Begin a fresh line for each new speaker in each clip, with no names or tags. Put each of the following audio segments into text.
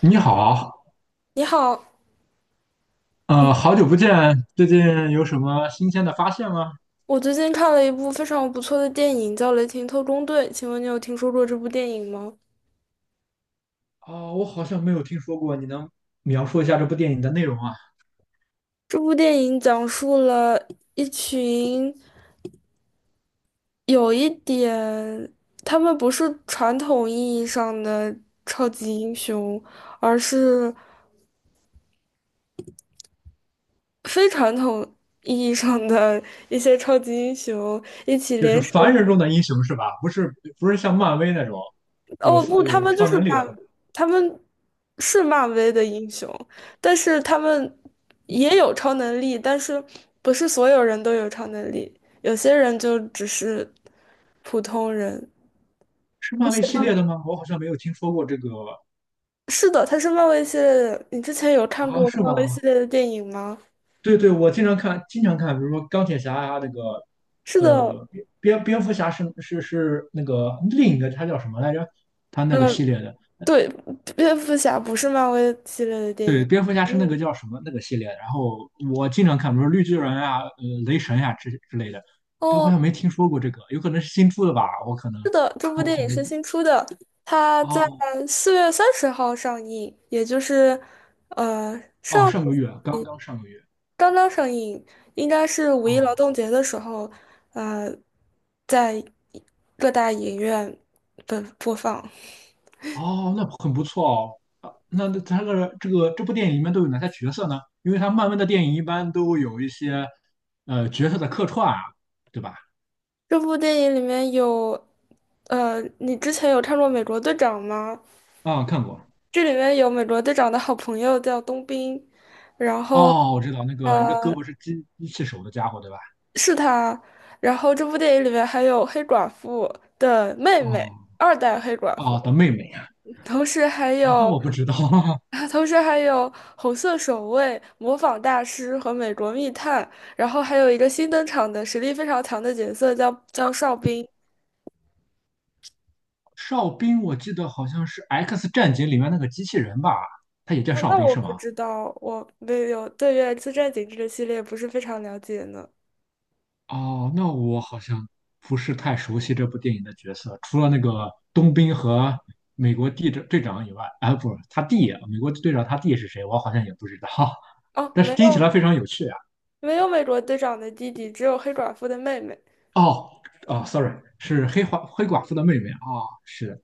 你好，
你好，
好久不见，最近有什么新鲜的发现吗？
我最近看了一部非常不错的电影，叫《雷霆特工队》，请问你有听说过这部电影吗？
我好像没有听说过，你能描述一下这部电影的内容啊？
这部电影讲述了一群有一点，他们不是传统意义上的超级英雄，而是非传统意义上的一些超级英雄一起
就是
联手。
凡人中的英雄是吧？不是，不是像漫威那种有
哦不，
有超能力的那种，
他们是漫威的英雄，但是他们也有超能力，但是不是所有人都有超能力，有些人就只是普通人。
是
你
漫
喜
威系
欢？
列的吗？我好像没有听说过这个
是的，他是漫威系列的。你之前有看
啊，
过
是
漫威系
吗？
列的电影吗？
对对，我经常看，经常看，比如说钢铁侠啊，那个
是的，
呃，蝙蝠侠是那个另一个，他叫什么来着？他那个
呃，
系列的。
对，蝙蝠侠不是漫威系列的电
对，
影。
蝙蝠侠是那
嗯。
个叫什么那个系列，然后我经常看，比如说绿巨人啊、雷神呀、之类的，但我好
哦。
像没听说过这个，有可能是新出的吧？我可能，
是的，这部
那我
电
可
影
能
是新出的，它在
哦
四月三十号上映，也就是，呃，
哦，
上
上个月刚刚上个月
刚刚上映，应该是五一劳
哦，
动节的时候，呃，在各大影院的播放。
哦，那很不错哦。那那他这个这个这部电影里面都有哪些角色呢？因为他漫威的电影一般都有一些角色的客串啊，对吧？
这部电影里面你之前有看过《美国队长》吗？
看过
这里面有美国队长的好朋友叫冬兵，然后
哦，我知道那个一个胳
呃，
膊是机器手的家伙，对吧？
是他。然后这部电影里面还有黑寡妇的妹妹，
哦
二代黑寡妇，
哦的妹妹。
同时还
好那
有，
我不知道，
同时还有红色守卫、模仿大师和美国密探，然后还有一个新登场的实力非常强的角色叫哨兵。
哨兵我记得好像是《X 战警》里面那个机器人吧，他也叫
那
哨
那
兵
我
是
不
吗？
知道，我没有对《原子战警》这个系列不是非常了解呢。
哦，那我好像不是太熟悉这部电影的角色，除了那个冬兵和美国地队长以外，啊，不，他弟，美国队长他弟是谁？我好像也不知道，
哦，
但
没
是听起
有
来非常有趣啊。
没有美国队长的弟弟，只有黑寡妇的妹妹。
哦，哦，sorry,是黑寡妇的妹妹啊，哦，是。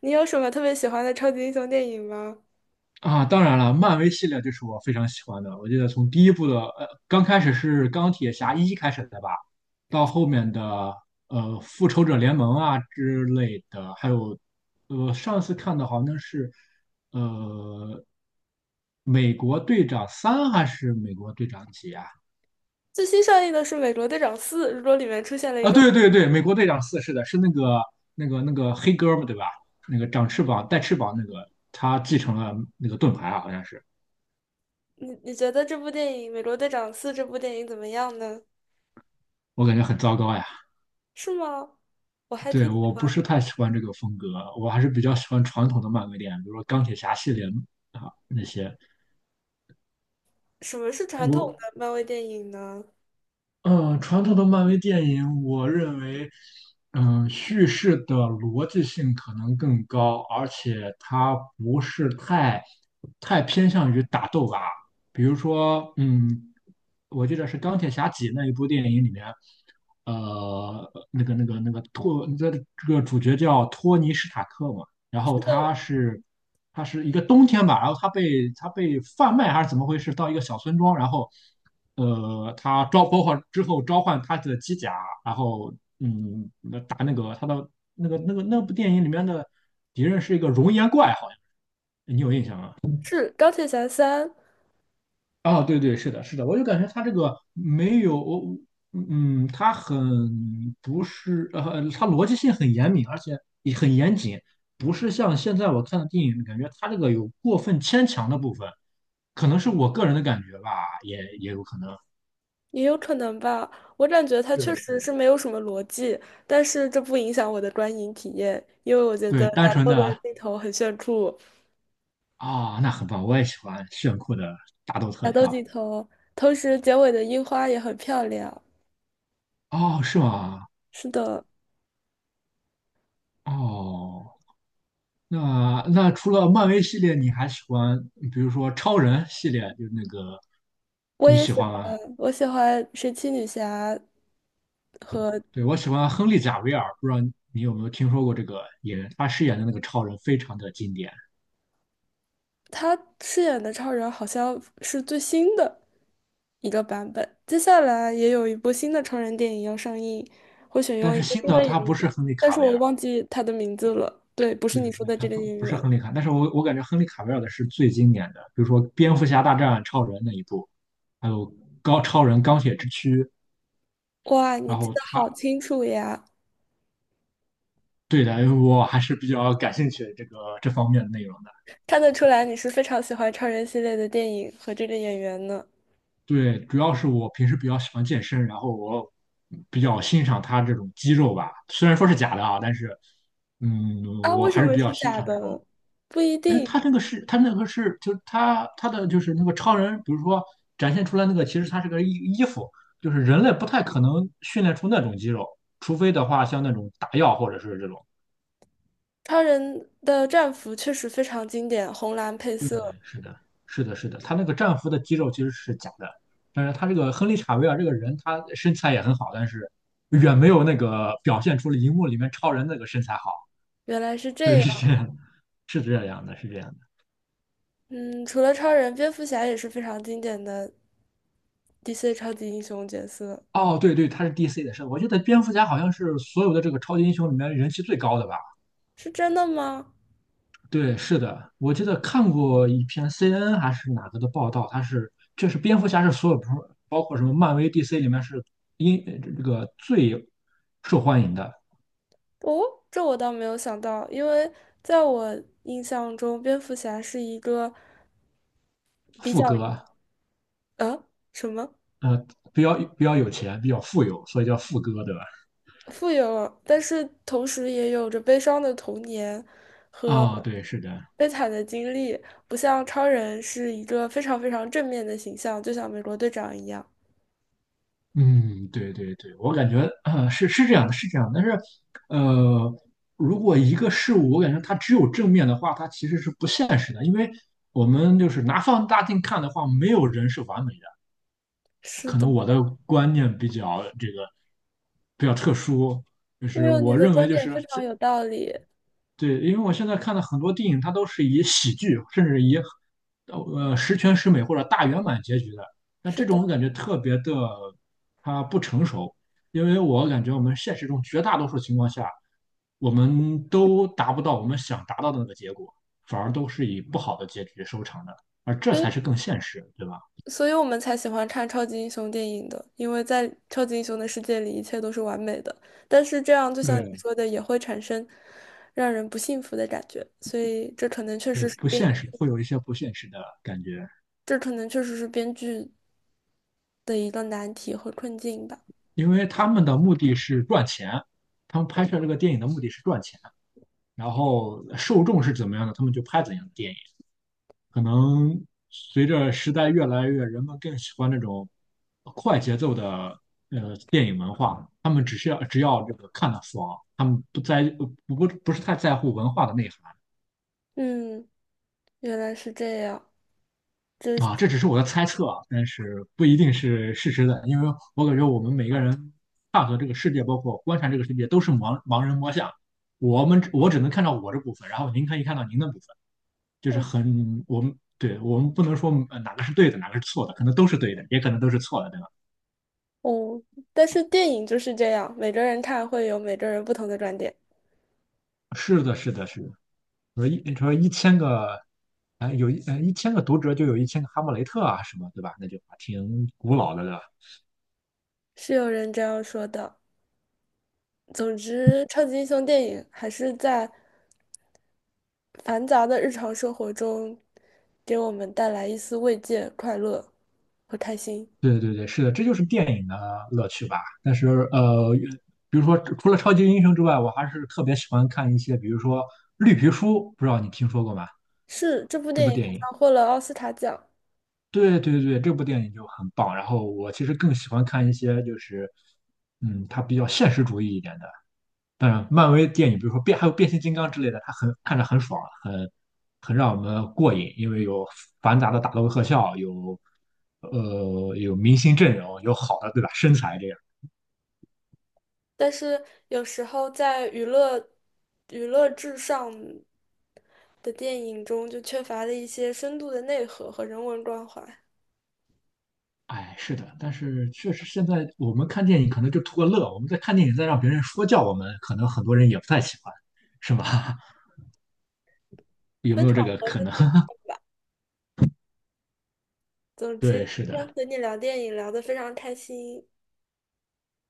你有什么特别喜欢的超级英雄电影吗？
啊，当然了，漫威系列就是我非常喜欢的。我记得从第一部的，刚开始是钢铁侠一开始的吧，到后面的复仇者联盟啊之类的，还有上次看的好像是呃美国队长三还是美国队长几啊？
最新上映的是《美国队长四》，如果里面出现了一
啊，
个，
对对对，美国队长四是的，是那个那个黑哥们对吧？那个长翅膀带翅膀那个，他继承了那个盾牌啊，好像是，
你觉得这部电影《美国队长四》这部电影怎么样呢？
我感觉很糟糕呀。
是吗？我还
对，
挺喜
我不
欢
是
的
太喜欢这个风格，我还是比较喜欢传统的漫威电影，比如说钢铁侠系列啊那些。
什么是传统的
我
漫威电影呢？
嗯，传统的漫威电影，我认为，叙事的逻辑性可能更高，而且它不是太偏向于打斗吧。比如说，我记得是《钢铁侠几》那一部电影里面，那个托，这个主角叫托尼·史塔克嘛，然后
是的，
他是。它是一个冬天吧，然后它被贩卖还是怎么回事？到一个小村庄，然后它召包括之后召唤它的机甲，然后打那个它的那个那部电影里面的敌人是一个熔岩怪，好像你有印象吗？
是钢铁侠三，
哦，对对，是的，是的，我就感觉他这个没有，我他很不是，他逻辑性很严密，而且也很严谨，不是像现在我看的电影，感觉他这个有过分牵强的部分，可能是我个人的感觉吧，也有可能，
也有可能吧。我感觉它
是
确
的，是
实
的
是没有什么逻辑，但是这不影响我的观影体验，因为我觉
对，
得
单
打
纯
斗的
的
镜头很炫酷，
那很棒，我也喜欢炫酷的打斗
打
特
斗
效，
镜头，同时结尾的樱花也很漂亮。
哦，是吗？
是的。
哦，那那除了漫威系列，你还喜欢，比如说超人系列，就是那个
我
你
也
喜
喜
欢吗？
欢，我喜欢神奇女侠和
对，我喜欢亨利·贾维尔，不知道你有没有听说过这个演员，他饰演的那个超人非常的经典。
她饰演的超人好像是最新的一个版本。接下来也有一部新的超人电影要上映，会选
但
用一
是
个
新
新
的
的演
他不是
员，
亨利·
但
卡
是
维
我
尔，
忘记他的名字了。对，不是
对
你说
对，
的
他
这个
不
演
不是
员。
亨利卡，但是我感觉亨利·卡维尔的是最经典的，比如说《蝙蝠侠大战超人》那一部，还有高超人钢铁之躯，
哇，你
然
记
后
得好
他
清楚呀！
对的，我还是比较感兴趣这个这方面的内容。
看得出来你是非常喜欢超人系列的电影和这个演员呢。
对，主要是我平时比较喜欢健身，然后我比较欣赏他这种肌肉吧，虽然说是假的啊，但是，嗯，
啊，
我
为什
还是
么
比
是
较欣
假
赏这种。
的？不一
哎，
定。
他那个是，他那个是，就是他的就是那个超人，比如说展现出来那个，其实他是个衣服就是人类不太可能训练出那种肌肉，除非的话像那种打药或者是这种。
超人的战服确实非常经典，红蓝配
对，
色，
是的，是的，是的，他那个战俘的肌肉其实是假的，但是他这个亨利·查维尔这个人，他身材也很好，但是远没有那个表现出了荧幕里面超人那个身材好。
原来是这
对，
样。
是这样的，是这样的，是这样的。
嗯，除了超人，蝙蝠侠也是非常经典的 DC 超级英雄角色，
哦，对对，他是 DC 的，是的我记得蝙蝠侠好像是所有的这个超级英雄里面人气最高的吧？
是真的吗？
对，是的，我记得看过一篇 CNN 还是哪个的报道，他是就是蝙蝠侠是所有包括什么漫威、DC 里面是英这个最受欢迎的。
哦，这我倒没有想到，因为在我印象中，蝙蝠侠是一个比
富
较
哥，
呃什么
呃，比较有钱，比较富有，所以叫富哥，对吧？
富有，但是同时也有着悲伤的童年、
啊，对，是的，
悲惨的经历，不像超人是一个非常非常正面的形象，就像美国队长一样。
嗯，对对对，我感觉啊，是这样的，是这样的但是，呃，如果一个事物，我感觉它只有正面的话，它其实是不现实的，因为我们就是拿放大镜看的话，没有人是完美的。
是
可
的，
能我的观念比较这个比较特殊，就
没
是
有，你
我
的
认
观
为就
点
是
非常有道理。
对，因为我现在看的很多电影，它都是以喜剧，甚至以十全十美或者大圆满结局的。那
是
这
的，
种我感觉特别的，它不成熟，因为我感觉我们现实中绝大多数情况下，我们都达不到我们想达到的那个结果，反而都是以不好的结局收场的，而这
所以
才是更现实，对吧？
所以我们才喜欢看超级英雄电影的，因为在超级英雄的世界里，一切都是完美的。但是这样，就像你
对，
说的，也会产生让人不幸福的感觉。所以这可能确
对，
实是
不
编，
现实，会有一些不现实的感觉，
这可能确实是编剧的一个难题和困境吧。
因为他们的目的是赚钱，他们拍摄这个电影的目的是赚钱。然后受众是怎么样的，他们就拍怎样的电影。可能随着时代越来越，人们更喜欢那种快节奏的电影文化，他们只需要只要这个看得爽，他们不是太在乎文化的内涵。
嗯，原来是这样，这是
啊，这只是我的猜测啊，但是不一定是事实的，因为我感觉我们每个人看和这个世界，包括观察这个世界，都是盲人摸象我只能看到我这部分，然后您可以看到您的部分。就是
哦，
很我们对我们不能说哪个是对的，哪个是错的，可能都是对的，也可能都是错的，对吧？
哦但是电影就是这样，每个人看会有每个人不同的观点，
是的，是的，是的。说一千个，哎，一千个读者就有一千个哈姆雷特啊，什么对吧？那就挺古老的了。
是有人这样说的。总之，超级英雄电影还是在繁杂的日常生活中，给我们带来一丝慰藉、快乐和开心。
对对对，是的，这就是电影的乐趣吧。但是比如说除了超级英雄之外，我还是特别喜欢看一些，比如说《绿皮书》，不知道你听说过吗？
是，这部
这
电
部
影还
电影。
拿获了奥斯卡奖。
对对对，这部电影就很棒。然后我其实更喜欢看一些就是，它比较现实主义一点的。当然，漫威电影，比如说变，还有变形金刚之类的，它很看着很爽，很很让我们过瘾，因为有繁杂的打斗特效，有有明星阵容，有好的对吧身材这样。
但是有时候在娱乐、娱乐至上的电影中，就缺乏了一些深度的内核和人文关怀，
哎，是的，但是确实现在我们看电影可能就图个乐，我们在看电影再让别人说教我们，可能很多人也不太喜欢，是吗？有
分
没有这
场
个
合
可
分
能？
情。总
对，
之，
是
今天
的。
和你聊电影聊得非常开心，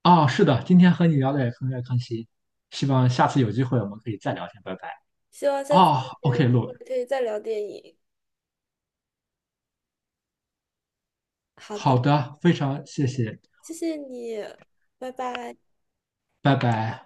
哦，是的，今天和你聊的也很开心，希望下次有机会我们可以再聊天，拜拜。
希望下次
哦
还有
，OK,
机
录，
会可以再聊电影。好的。
好的，非常谢谢，
谢谢你，拜拜。
拜拜。